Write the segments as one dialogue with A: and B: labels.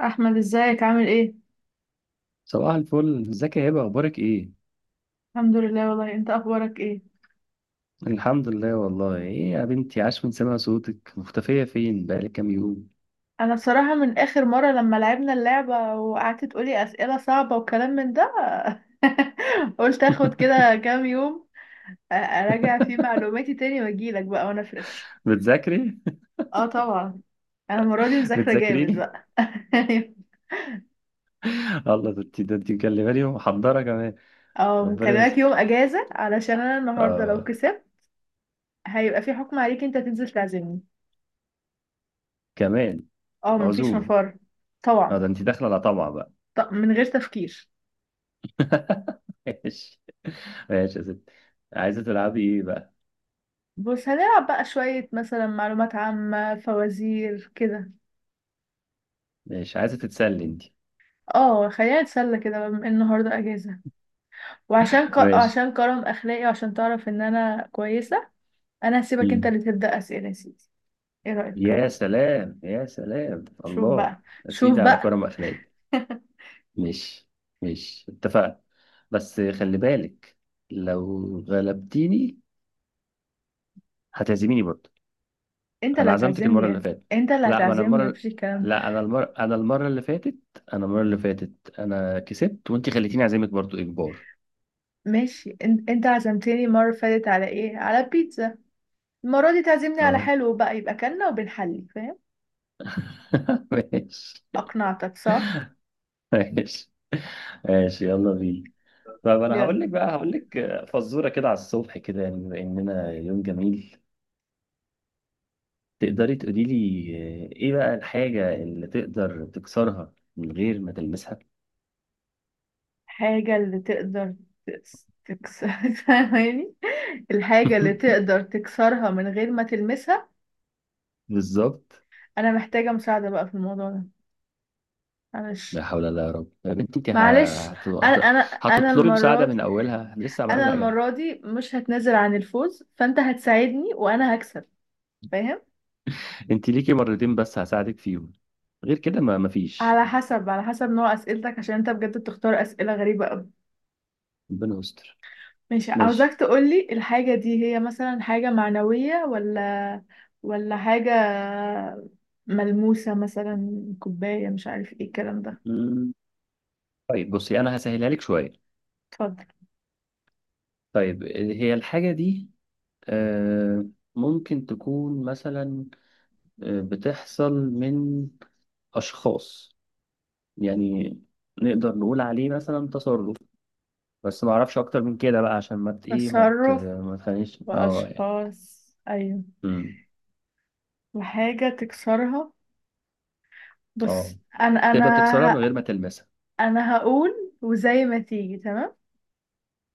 A: احمد، ازيك؟ عامل ايه؟
B: صباح الفل، ازيك يا هبة؟ اخبارك ايه؟
A: الحمد لله والله، انت اخبارك ايه؟
B: الحمد لله والله. ايه يا بنتي، عاش من سمع صوتك، مختفية فين بقالك كام يوم؟
A: انا بصراحه من اخر مره لما لعبنا اللعبه وقعدت تقولي اسئله صعبه وكلام من ده، قلت اخد كده كام يوم، اراجع فيه معلوماتي تاني واجيلك بقى وانا فريش.
B: بتذاكري؟
A: اه طبعا. انا المره دي مذاكره جامد
B: بتذاكريني؟
A: بقى.
B: الله، ده انت ده انت مكلماني ومحضرة كمان؟
A: اه،
B: ربنا
A: مكلمك يوم
B: يستر.
A: اجازه علشان انا النهارده لو
B: آه.
A: كسبت هيبقى في حكم عليك انت تنزل تعزمني.
B: كمان؟
A: اه، مفيش
B: عزومة؟
A: مفر.
B: اه
A: طبعا.
B: ده انت داخلة على طمع بقى.
A: طب من غير تفكير.
B: ماشي. ماشي يا ستي، عايزة تلعبي ايه بقى؟
A: بص، هنلعب بقى شوية مثلا معلومات عامة، فوازير كده.
B: ماشي، عايزة تتسلي انت؟
A: اه، خلينا نتسلى كده بما إن النهاردة اجازة.
B: ماشي.
A: عشان كرم اخلاقي وعشان تعرف ان انا كويسة. انا هسيبك انت
B: مم.
A: اللي تبدأ اسئلة يا سيدي. ايه رأيك؟
B: يا سلام، يا سلام
A: شوف
B: الله.
A: بقى.
B: يا
A: شوف
B: سيدي على
A: بقى.
B: كرم اخلاق. مش مش اتفقنا؟ بس خلي بالك، لو غلبتيني هتعزميني برضه.
A: انت اللي
B: انا عزمتك
A: هتعزمني
B: المره اللي
A: يعني.
B: فاتت.
A: انت اللي
B: لا ما انا
A: هتعزمني،
B: المره
A: مفيش الكلام ده.
B: لا انا المره انا المره اللي فاتت. انا كسبت وانت خليتيني اعزمك برضه اجبار.
A: ماشي، انت عزمتني المرة اللي فاتت على ايه؟ على بيتزا. المرة دي تعزمني على
B: اه.
A: حلو بقى، يبقى كلنا وبنحلي، فاهم؟
B: ماشي
A: اقنعتك صح؟
B: ماشي. ماشي يلا بينا. طب انا هقول لك
A: يلا.
B: بقى هقول لك فزوره كده على الصبح كده يعني، بما اننا يوم جميل. تقدري تقولي لي ايه بقى الحاجة اللي تقدر تكسرها من غير ما تلمسها؟
A: الحاجة اللي تقدر تكسر، فاهماني؟ الحاجة اللي تقدر تكسرها من غير ما تلمسها.
B: بالظبط.
A: أنا محتاجة مساعدة بقى في الموضوع ده. معلش.
B: لا حول ولا قوة، يا رب يا بنتي، انت
A: معلش. أنا أنا أنا
B: هتطلبي
A: المرة
B: مساعدة من
A: دي،
B: اولها؟ لسه
A: أنا
B: عملنا حاجة.
A: المرة دي مش هتنازل عن الفوز، فأنت هتساعدني وأنا هكسب، فاهم؟
B: انت ليكي مرتين بس هساعدك فيهم، غير كده ما مفيش.
A: على حسب نوع أسئلتك، عشان أنت بجد بتختار أسئلة غريبة أوي.
B: ربنا يستر.
A: ماشي، عاوزاك
B: ماشي.
A: تقولي الحاجة دي هي مثلا حاجة معنوية، ولا حاجة ملموسة مثلا، كوباية، مش عارف ايه الكلام ده.
B: مم. طيب بصي، انا هسهلها لك شوية.
A: اتفضل.
B: طيب هي الحاجة دي آه، ممكن تكون مثلا بتحصل من اشخاص، يعني نقدر نقول عليه مثلا تصرف، بس ما اعرفش اكتر من كده بقى، عشان ما ت- ايه ما ت-
A: تصرف.
B: ما تخليش، اه يعني.
A: وأشخاص، أيوة.
B: امم.
A: وحاجة تكسرها.
B: اه،
A: بص،
B: تقدر تكسرها من
A: ه-
B: غير ما تلمسها.
A: أنا هقول وزي ما تيجي، تمام؟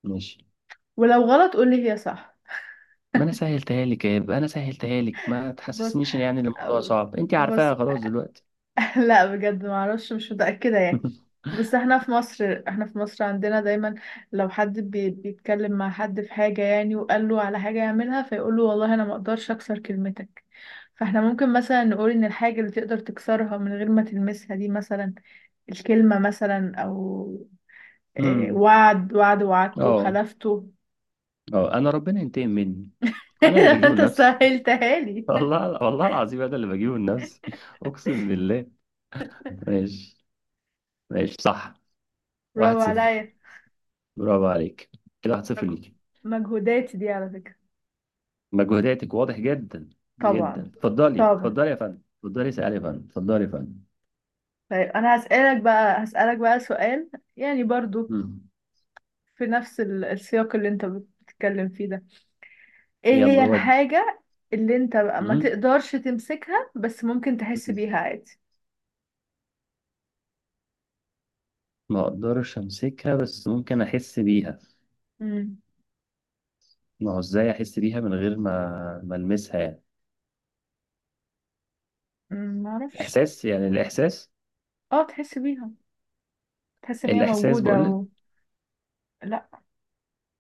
B: ماشي،
A: ولو غلط قولي هي صح.
B: ما انا سهلتها لك، يا يبقى انا سهلتها لك، ما
A: بص،
B: تحسسنيش يعني إن يعني الموضوع
A: أو-
B: صعب، انت
A: بص.
B: عارفاها خلاص دلوقتي.
A: لا بجد ما اعرفش، مش متأكدة يعني. بس احنا في مصر، احنا في مصر عندنا دايما لو حد بيتكلم مع حد في حاجة يعني وقال له على حاجة يعملها فيقول له والله انا ما اقدرش اكسر كلمتك. فاحنا ممكن مثلا نقول ان الحاجة اللي تقدر تكسرها من غير ما تلمسها دي مثلا الكلمة مثلا، او
B: امم.
A: وعد. وعدته،
B: اه.
A: خلفته.
B: اه، انا ربنا ينتقم مني، انا اللي بجيبه
A: انت
B: لنفسي.
A: سهلتها لي.
B: والله، والله العظيم انا اللي بجيبه لنفسي. اقسم بالله. ماشي. ماشي صح.
A: برافو
B: واحد صفر.
A: عليا.
B: برافو عليك، كده واحد صفر ليك.
A: مجهوداتي دي على فكرة.
B: مجهوداتك واضح جدا، جدا.
A: طبعا.
B: اتفضلي،
A: طبعا،
B: اتفضلي يا فندم، اتفضلي اسألي يا فندم، اتفضلي يا فندم.
A: طيب انا هسألك بقى، سؤال، يعني برضو
B: مم.
A: في نفس السياق اللي انت بتتكلم فيه ده. ايه هي
B: يلا ودي.
A: الحاجة اللي انت بقى ما
B: مم.
A: تقدرش تمسكها بس ممكن تحس بيها عادي؟
B: ما اقدرش امسكها، بس ممكن احس بيها.
A: امم
B: ما هو ازاي احس بيها من غير ما ما المسها يعني؟
A: ما اعرفش.
B: احساس، يعني الاحساس.
A: اه، تحس بيها. تحس ان هي
B: الاحساس
A: موجودة
B: بقول لك.
A: و... لا،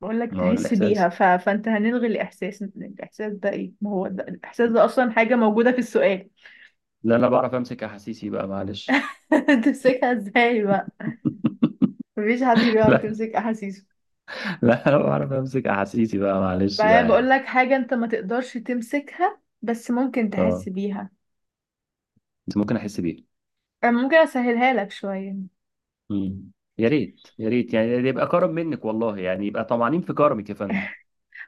A: بقول لك
B: ما هو
A: تحس بيها
B: الاحساس.
A: ف... فانت هنلغي الاحساس، ده ايه؟ ما هو ده الاحساس ده اصلا حاجة موجودة في السؤال.
B: لا، انا بعرف امسك احاسيسي بقى معلش.
A: تمسكها ازاي بقى؟ مفيش حد بيعرف
B: لا،
A: يمسك احاسيسه.
B: لا انا بعرف امسك احاسيسي بقى معلش
A: بقى
B: بقى
A: بقول
B: يعني.
A: لك حاجة، انت ما تقدرش تمسكها بس ممكن
B: اه،
A: تحس بيها.
B: بس ممكن احس بيها.
A: انا ممكن اسهلها لك شوية.
B: مم. يا ريت، يا ريت يعني، يبقى كرم منك والله يعني، يبقى طمعانين في كرمك يا فندم.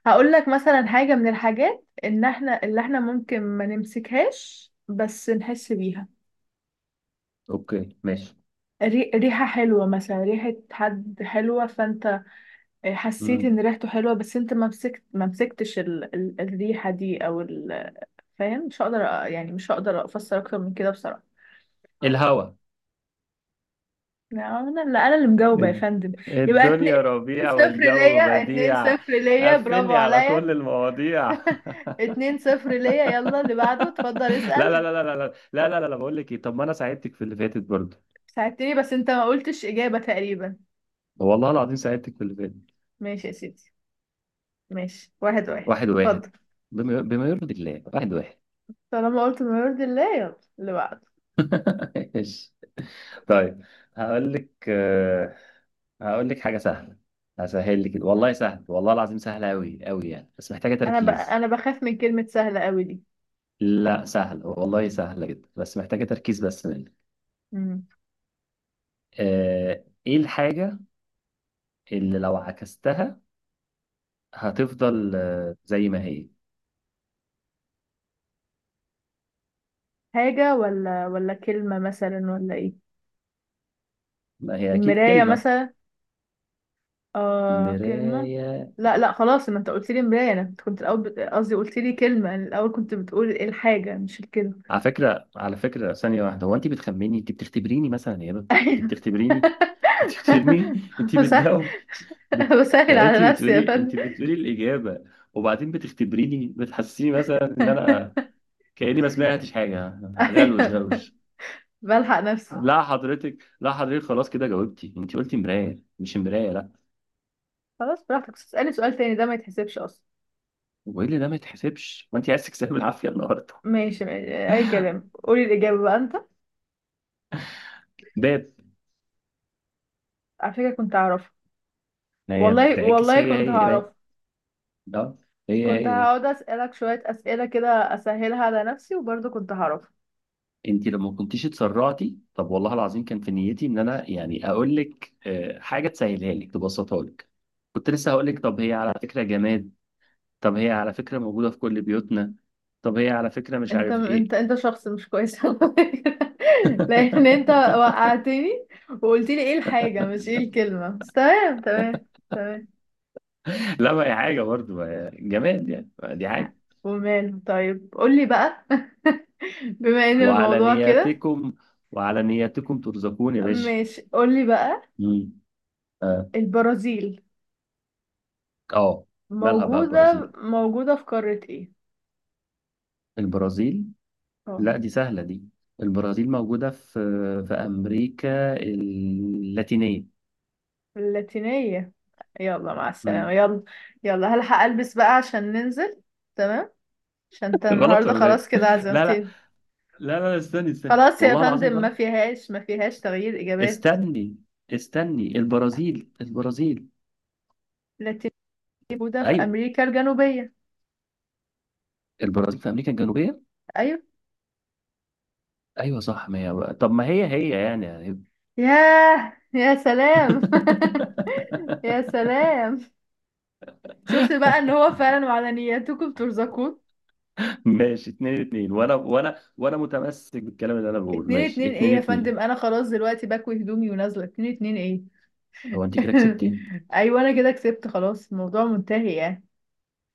A: هقول لك مثلا حاجة من الحاجات ان احنا ممكن ما نمسكهاش بس نحس بيها.
B: اوكي ماشي.
A: ريحة حلوة مثلا، ريحة حد حلوة، فانت حسيت ان
B: مم.
A: ريحته حلوة بس انت ما مسكتش ال... ال... الريحة دي او ال... فاهم؟ مش هقدر، يعني مش هقدر افسر اكتر من كده بصراحة.
B: الهوا.
A: لا، انا اللي مجاوبه يا
B: الد-
A: فندم. يبقى اتنين.
B: الدنيا
A: اتنين
B: ربيع
A: صفر
B: والجو
A: ليا اتنين
B: بديع.
A: صفر ليا
B: قفل
A: برافو
B: لي على
A: عليا.
B: كل المواضيع.
A: 2-0 ليا. يلا اللي بعده، اتفضل
B: لا لا لا
A: اسأل.
B: لا لا لا، لا لا لا لا، بقول لك ايه، طب ما انا ساعدتك في اللي فاتت برضه.
A: ساعدتني بس انت ما قلتش اجابة تقريبا.
B: والله العظيم ساعدتك في اللي فاتت.
A: ماشي يا سيدي. ماشي، 1-1،
B: واحد واحد.
A: اتفضل.
B: بما يرضي الله، واحد واحد.
A: طالما قلت ما يرضي الله، يلا اللي بعده.
B: ماشي. طيب، هقول لك هقول لك حاجة سهلة. هسهل لك والله، سهل والله العظيم سهلة أوي أوي يعني، بس محتاجة
A: انا
B: تركيز.
A: انا بخاف من كلمة سهلة قوي دي.
B: لا سهل والله، سهلة جدا بس محتاجة تركيز بس منك.
A: مم.
B: إيه الحاجة اللي لو عكستها هتفضل زي ما هي؟
A: حاجة ولا كلمة مثلا ولا ايه؟
B: ما هي أكيد
A: المراية
B: كلمة.
A: مثلا. آه، كلمة.
B: مراية.
A: لا لا، خلاص. ما انت قلت لي مراية. انا كنت الاول قصدي قلت لي كلمة. أنا الاول كنت بتقول إيه الحاجة، مش الكلمة.
B: على فكرة، على فكرة ثانية واحدة، هو أنت بتخمني؟ أنت بتختبريني مثلا يا بابا؟ أنت
A: ايوه.
B: بتختبريني. أنت بترمي، أنت
A: بسهل.
B: بتجاوب، بت...
A: بسهل
B: يعني
A: على
B: انت
A: نفسي يا
B: بتقولي،
A: فندم.
B: انت بتقولي الاجابه وبعدين بتختبريني، بتحسسيني مثلا ان انا كاني ما سمعتش حاجه. غلوش
A: ايوه.
B: غلوش.
A: بلحق نفسي.
B: لا حضرتك، لا حضرتك، خلاص كده جاوبتي، انت قلتي مرايه، مش مرايه لا.
A: خلاص براحتك، بس اسألني سؤال تاني، ده ما يتحسبش اصلا.
B: وايه اللي ده ما يتحسبش وانت عايز تكسبي العافيه النهارده؟
A: ماشي ماشي، اي كلام، قولي الاجابة بقى انت.
B: باب.
A: على فكرة كنت هعرفها.
B: ما هي
A: والله،
B: بتتعكس،
A: والله
B: هي
A: كنت
B: هي باب.
A: هعرفها.
B: ده هي
A: كنت
B: هي.
A: هقعد اسألك شوية اسئلة كده، اسهلها على نفسي وبرضه كنت هعرفها.
B: انت لما كنتيش اتسرعتي، طب والله العظيم كان في نيتي ان انا يعني اقول لك حاجه تسهلها لك تبسطها لك. كنت لسه هقول لك طب هي على فكره جماد، طب هي على فكرة موجودة في كل بيوتنا، طب هي على فكرة مش
A: انت
B: عارف
A: انت
B: ايه.
A: انت شخص مش كويس على فكرة. لان انت وقعتني، وقلت لي ايه الحاجة مش ايه الكلمة. بس تمام تمام. تمام.
B: لا، ما هي حاجة برضه، ما هي جماد يعني، ما دي
A: ع-
B: حاجة.
A: وماله، طيب قولي بقى. بما ان
B: وعلى
A: الموضوع كده،
B: نياتكم، وعلى نياتكم ترزقون يا باشا.
A: ماشي قولي بقى.
B: مم. اه.
A: البرازيل
B: آه. مالها بقى البرازيل؟
A: موجودة في قارة ايه؟
B: البرازيل.
A: اه،
B: لا دي سهلة دي، البرازيل موجودة في في أمريكا اللاتينية.
A: اللاتينية. يلا مع السلامة،
B: مم.
A: يلا. يلا هلحق البس بقى عشان ننزل. تمام. عشان انت
B: غلط
A: النهاردة
B: ولا ايه؟
A: خلاص كده
B: لا لا،
A: عزمتني.
B: لا لا استني، استني
A: خلاص يا
B: والله العظيم
A: فندم،
B: غلط.
A: ما فيهاس تغيير إجابات.
B: استني، استني البرازيل، البرازيل،
A: لاتيني، موجودة في
B: ايوه
A: أمريكا الجنوبية.
B: البرازيل في امريكا الجنوبيه.
A: أيوة.
B: ايوه صح، ما هي بقى. طب ما هي هي يعني يعني.
A: ياه، يا سلام. يا سلام. شفت بقى إن هو فعلا وعلى نياتكم ترزقون.
B: ماشي، اتنين اتنين. وانا متمسك بالكلام اللي انا بقوله،
A: اتنين
B: ماشي
A: اتنين إيه
B: اتنين
A: يا فندم؟
B: اتنين.
A: أنا خلاص دلوقتي بكوي هدومي ونازلة. 2-2 إيه؟
B: هو انت كده كسبتي؟
A: أيوة، أنا كده كسبت خلاص، الموضوع منتهي يعني.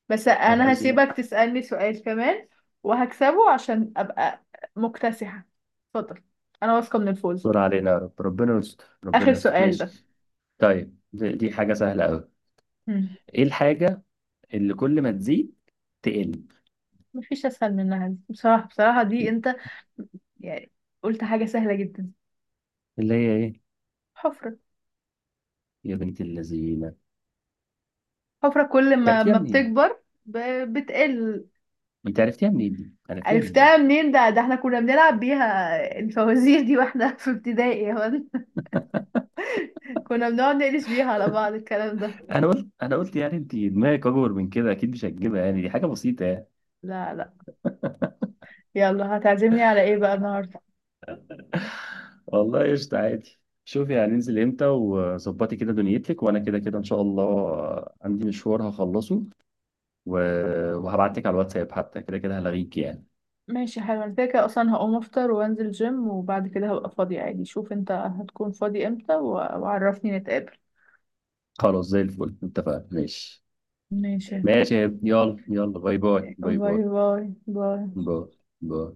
A: بس
B: نهار
A: أنا
B: ازرق.
A: هسيبك تسألني سؤال كمان وهكسبه عشان أبقى مكتسحة. اتفضل. أنا واثقة من الفوز.
B: دور علينا يا رب، ربنا يستر،
A: آخر
B: ربنا يستر.
A: سؤال ده.
B: ماشي. طيب دي حاجه سهله قوي.
A: مم.
B: ايه الحاجه اللي كل ما تزيد تقل؟
A: مفيش اسهل منها دي بصراحه، بصراحه دي انت يعني قلت حاجه سهله جدا.
B: اللي هي ايه؟
A: حفره.
B: يا بنت اللذينه،
A: حفره كل
B: انت
A: ما
B: عرفتيها
A: ما
B: منين؟
A: بتكبر ب... بتقل.
B: انت عرفتيها منين دي، عرفتيها
A: عرفتها
B: منين؟
A: منين؟ ده احنا كنا بنلعب بيها الفوازير دي واحنا في ابتدائي هون. كنا بنقعد نقلش بيها على بعض الكلام ده.
B: انا قلت يعني انت دماغك اكبر من كده، اكيد مش هتجيبها يعني، دي حاجه بسيطه يعني.
A: لا لا. يلا، هتعزمني على ايه بقى النهارده؟
B: والله قشطه، عادي. شوفي هننزل امتى، وظبطي كده دنيتك، وانا كده كده ان شاء الله عندي مشوار هخلصه، و... وهبعت لك على الواتساب حتى، كده كده هلغيك يعني.
A: ماشي حلو، انا كده كده اصلا هقوم افطر وانزل جيم، وبعد كده هبقى فاضي عادي. شوف انت هتكون فاضي امتى، وعرفني نتقابل.
B: خلاص زي الفل، اتفقنا، ماشي.
A: ماشي.
B: ماشي يا ابني. يلا يلا، باي باي، باي
A: باي
B: باي،
A: باي باي.
B: باي باي.